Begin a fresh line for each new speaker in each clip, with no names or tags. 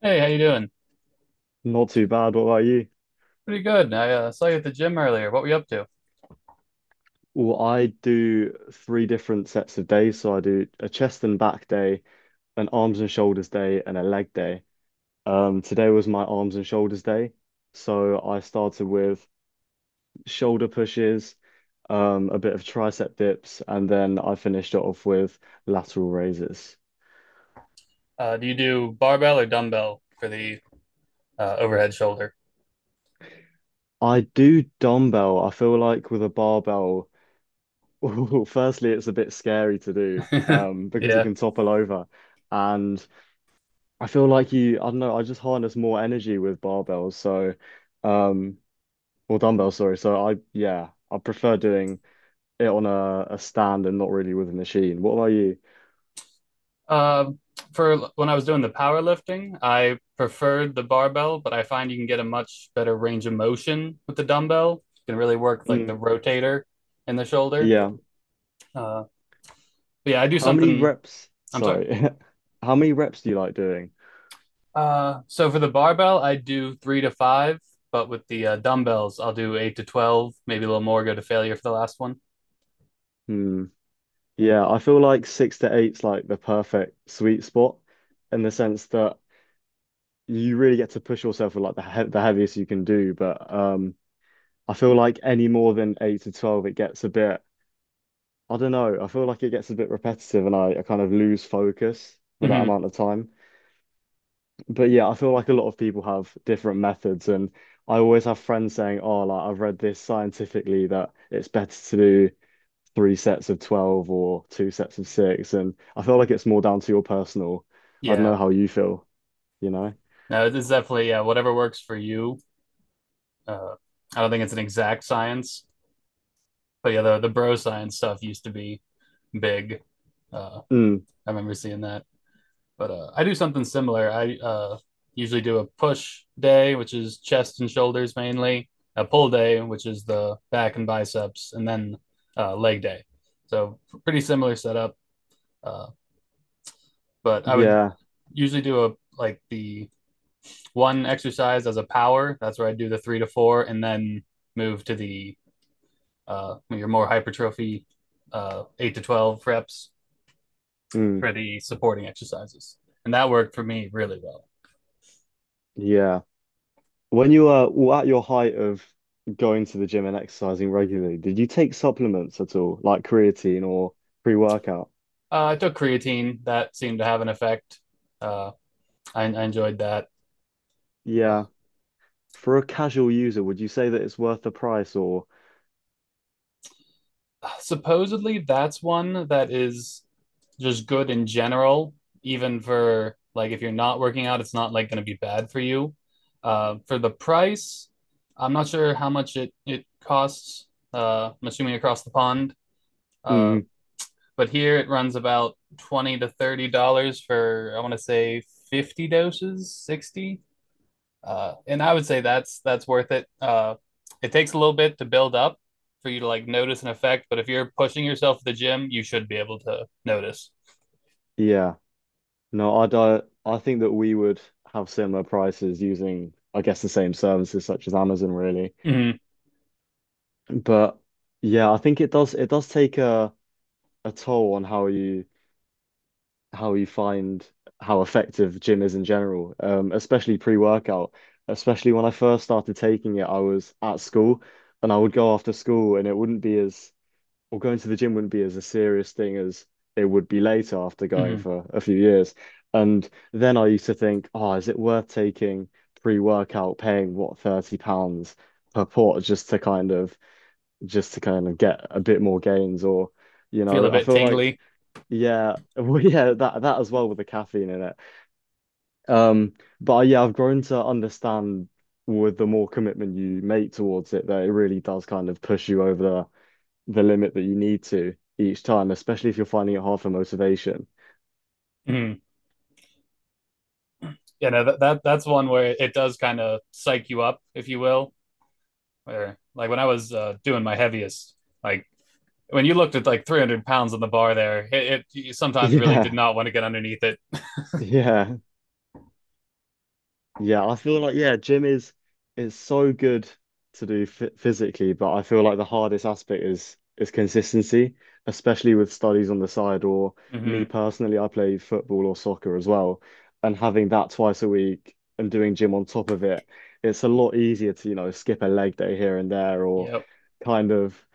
Hey, how you doing?
Not too bad. What about you?
Pretty good. I saw you at the gym earlier. What were you up to?
Well, I do three different sets of days. So I do a chest and back day, an arms and shoulders day, and a leg day. Today was my arms and shoulders day. So I started with shoulder pushes, a bit of tricep dips, and then I finished it off with lateral raises.
Do you do barbell or dumbbell for the overhead shoulder?
I do dumbbell. I feel like with a barbell, firstly, it's a bit scary to do, because you
Yeah.
can topple over. And I feel like you, I don't know, I just harness more energy with barbells. Um, or dumbbells, sorry. So I, yeah, I prefer doing it on a stand and not really with a machine. What about you?
Um, for when I was doing the powerlifting, I preferred the barbell, but I find you can get a much better range of motion with the dumbbell. You can really work like the
Mm,
rotator in the shoulder.
yeah.
Uh, but yeah, I do
How many
something.
reps?
I'm sorry.
Sorry. How many reps do you like doing?
So for the barbell, I do three to five, but with the dumbbells, I'll do eight to 12, maybe a little more, go to failure for the last one.
Hmm. Yeah, I feel like six to eight's like the perfect sweet spot in the sense that you really get to push yourself with like the heaviest you can do. But I feel like any more than eight to 12, it gets a bit. I don't know. I feel like it gets a bit repetitive and I kind of lose focus for that
Hmm.
amount of time. But yeah, I feel like a lot of people have different methods. And I always have friends saying, oh, like I've read this scientifically that it's better to do three sets of 12 or two sets of six. And I feel like it's more down to your personal. I don't
Yeah.
know how you feel, you know?
No, it's definitely, yeah, whatever works for you. Uh, I don't think it's an exact science, but yeah, the bro science stuff used to be big. Uh,
Mm,
I remember seeing that. But I do something similar. I usually do a push day, which is chest and shoulders mainly, a pull day, which is the back and biceps, and then leg day. So pretty similar setup. Uh, but I would
yeah.
usually do a like the one exercise as a power. That's where I do the three to four, and then move to the your more hypertrophy 8 to 12 reps
Mm,
for the supporting exercises, and that worked for me really well.
yeah. When you were at your height of going to the gym and exercising regularly, did you take supplements at all, like creatine or pre-workout?
I took creatine. That seemed to have an effect. Uh, I enjoyed that. Uh,
Yeah. For a casual user, would you say that it's worth the price or
supposedly that's one that is just good in general, even for like if you're not working out, it's not like going to be bad for you. For the price, I'm not sure how much it costs. I'm assuming across the pond, uh,
mm,
but here it runs about $20 to $30 for I want to say 50 doses, 60. And I would say that's worth it. It takes a little bit to build up for you to like notice an effect, but if you're pushing yourself at the gym, you should be able to notice.
yeah. No, I'd I think that we would have similar prices using I guess the same services such as Amazon really.
Mm-hmm.
But yeah, I think it does take a toll on how you find how effective gym is in general, especially pre-workout. Especially when I first started taking it, I was at school and I would go after school and it wouldn't be as, or going to the gym wouldn't be as a serious thing as it would be later after going
Mm-hmm.
for a few years. And then I used to think, oh, is it worth taking pre-workout, paying what, £30 per port just to kind of get a bit more gains or you
Feel a
know, I
bit
feel like
tingly.
yeah, well, yeah, that as well with the caffeine in it. Um, but yeah, I've grown to understand with the more commitment you make towards it, that it really does kind of push you over the limit that you need to each time, especially if you're finding it hard for motivation.
Mm-hmm. You know that's one where it does kind of psych you up, if you will. Where like when I was doing my heaviest, like when you looked at like 300 pounds on the bar there, it you sometimes really did
Yeah,
not want to get underneath it.
yeah. Yeah, I feel like yeah, gym is so good to do f physically, but I feel like the hardest aspect is consistency, especially with studies on the side. Or
Mm-hmm.
me personally, I play football or soccer as well, and having that twice a week and doing gym on top of it, it's a lot easier to, you know, skip a leg day here and there, or
Yep,
kind of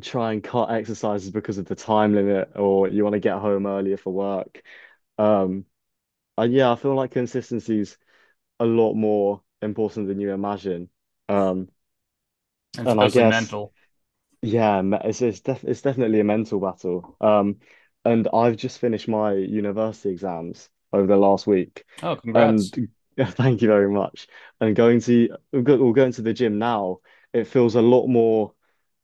try and cut exercises because of the time limit, or you want to get home earlier for work. Um, and yeah, I feel like consistency a lot more important than you imagine. Um,
it's
and I
mostly
guess
mental.
yeah, it's definitely a mental battle. And I've just finished my university exams over the last week,
Oh,
and
congrats.
thank you very much. And going to we're go- we're going to the gym now. It feels a lot more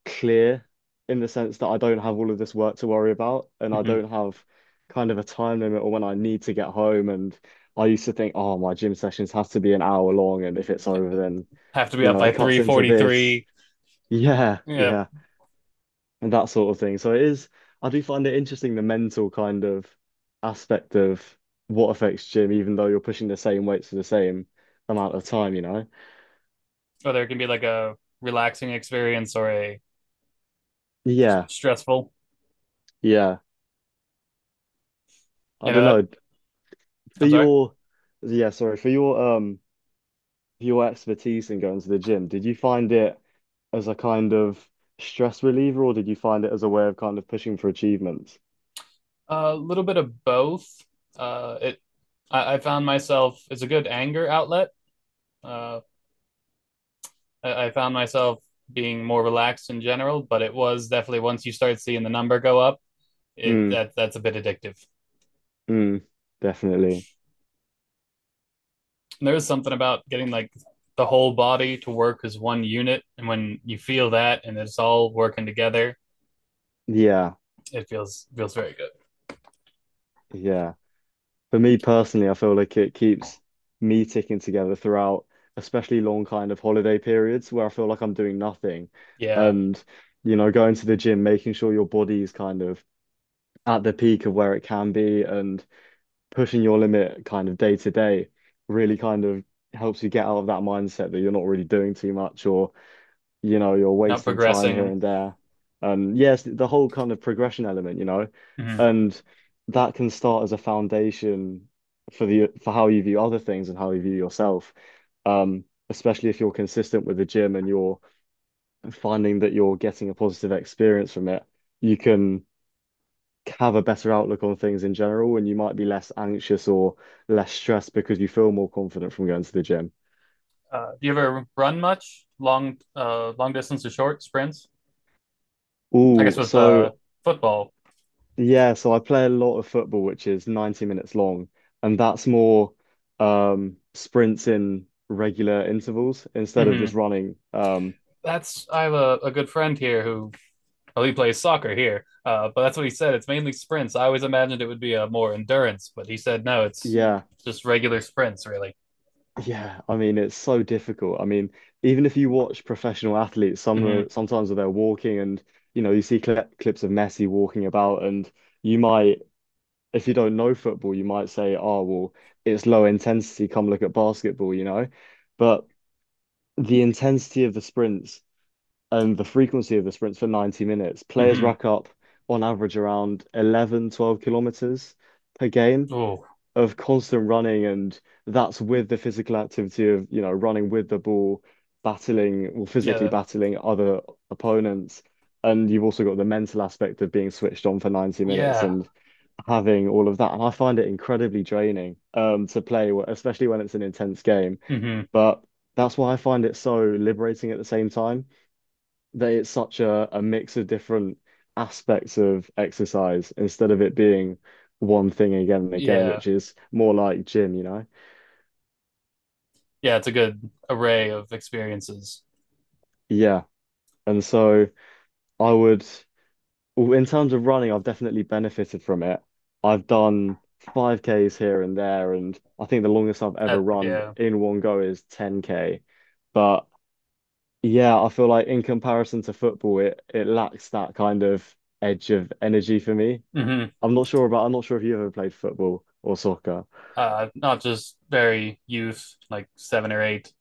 clear in the sense that I don't have all of this work to worry about, and I
Mm-hmm.
don't have kind of a time limit or when I need to get home. And I used to think, oh, my gym sessions have to be an hour long, and if it's over, then
Have to be
you
up
know
by
it cuts into this.
3:43.
Yeah,
You know
yeah, and that sort of thing. So it is, I do find it interesting the mental kind of aspect of what affects gym, even though you're pushing the same weights for the same amount of time, you know?
or there can be like a relaxing experience or a
Yeah,
stressful,
yeah. I don't
that.
know. For
I'm sorry.
your, yeah, sorry, for your expertise in going to the gym, did you find it as a kind of stress reliever or did you find it as a way of kind of pushing for achievements?
A little bit of both. Uh it i, I found myself, it's a good anger outlet. Uh I, I found myself being more relaxed in general, but it was definitely once you start seeing the number go up, it
Mm,
that that's a bit addictive.
mm, definitely.
And there is something about getting like the whole body to work as one unit, and when you feel that and it's all working together,
Yeah,
it feels very good.
yeah. For me personally, I feel like it keeps me ticking together throughout, especially long kind of holiday periods where I feel like I'm doing nothing.
Yeah,
And, you know, going to the gym, making sure your body is kind of at the peak of where it can be and pushing your limit kind of day to day really kind of helps you get out of that mindset that you're not really doing too much or you know, you're
not
wasting time here
progressing.
and there. Yes, the whole kind of progression element, you know,
Mhm.
and that can start as a foundation for the for how you view other things and how you view yourself. Especially if you're consistent with the gym and you're finding that you're getting a positive experience from it, you can have a better outlook on things in general, and you might be less anxious or less stressed because you feel more confident from going to the gym.
Do you ever run much long, long distance or short sprints? I guess
Oh,
with
so
football.
yeah, so I play a lot of football, which is 90 minutes long, and that's more sprints in regular intervals instead of
Hmm
just running.
That's I have a good friend here who, well, he plays soccer here, but that's what he said. It's mainly sprints. I always imagined it would be a more endurance, but he said no, it's
Yeah,
just regular sprints, really.
yeah, I mean it's so difficult. I mean, even if you watch professional athletes,
Hmm.
sometimes they're walking and you know, you see clips of Messi walking about and you might if you don't know football, you might say, "Oh, well, it's low intensity, come look at basketball," you know. But the intensity of the sprints and the frequency of the sprints for 90 minutes, players
Hmm.
rack up on average around 11, 12 kilometers per game
Oh,
of constant running. And that's with the physical activity of, you know, running with the ball, battling, well, physically
yeah,
battling other opponents. And you've also got the mental aspect of being switched on for 90 minutes
yeah.
and having all of that. And I find it incredibly draining to play, especially when it's an intense game.
Hmm,
But that's why I find it so liberating at the same time that it's such a, mix of different aspects of exercise instead of it being one thing again and again,
yeah,
which is more like gym, you know?
yeah. It's a good array of experiences.
Yeah. And so I would, well, in terms of running, I've definitely benefited from it. I've done 5Ks here and there, and I think the longest I've ever
At
run
Yeah.
in one go is 10K. But yeah, I feel like in comparison to football, it lacks that kind of edge of energy for me.
hmm
I'm not sure if you ever played football or soccer.
not just very youth, like 7 or 8.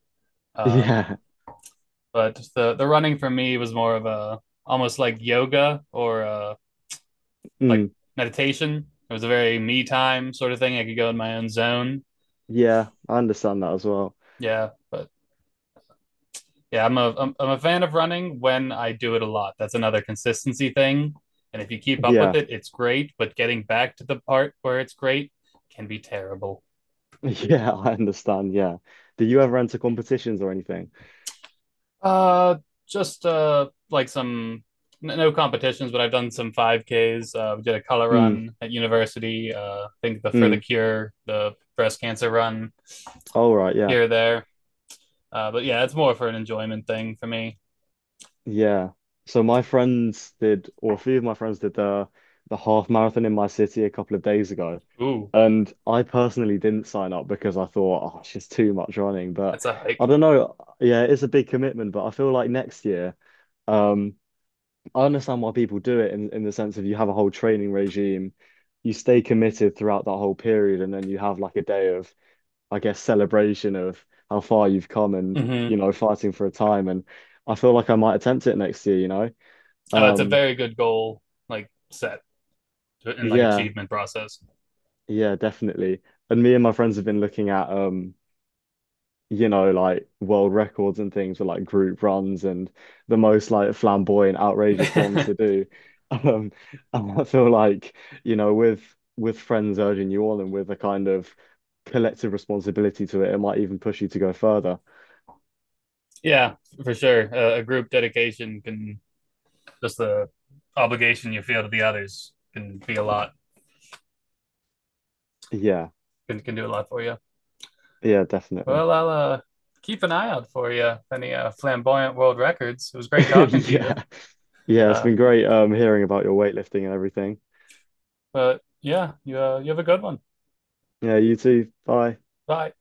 Uh,
Yeah.
but the running for me was more of a almost like yoga or like
Mm.
meditation. It was a very me time sort of thing. I could go in my own zone.
Yeah. I understand that as well.
Yeah, but yeah, I'm a fan of running when I do it a lot. That's another consistency thing. And if you keep up with
Yeah.
it, it's great. But getting back to the part where it's great can be terrible.
Yeah. I understand. Yeah. Did you ever enter competitions or anything?
Uh, just like some no competitions, but I've done some 5Ks. We did a color
Mm.
run at university. I think the For the
Mm.
Cure, the breast cancer run
All right. Yeah.
here there. But yeah, it's more for an enjoyment thing for me.
Yeah. So my friends did, or a few of my friends did the half marathon in my city a couple of days ago.
Ooh,
And I personally didn't sign up because I thought, oh, it's just too much running. But
that's a hike.
I don't know. Yeah, it's a big commitment, but I feel like next year, um, I understand why people do it in the sense of you have a whole training regime, you stay committed throughout that whole period, and then you have like a day of, I guess, celebration of how far you've come and,
Mm-hmm.
you know, fighting for a time. And I feel like I might attempt it next year, you know?
Oh, it's a
Um,
very good goal, like set and like
yeah,
achievement process.
yeah, definitely. And me and my friends have been looking at you know, like world records and things for like group runs and the most like flamboyant, outrageous ones to do. Um, and I feel like, you know, with friends urging you on and with a kind of collective responsibility to it, it might even push you to go further.
Yeah, for sure. A group dedication can, just the obligation you feel to the others can be a lot,
Yeah,
can do a lot for you.
yeah, definitely.
Well, I'll keep an eye out for you. Any flamboyant world records. It was great talking to you.
Yeah, yeah, it's
Uh,
been great hearing about your weightlifting and everything.
but yeah, you have a good one.
Yeah, you too. Bye.
Bye.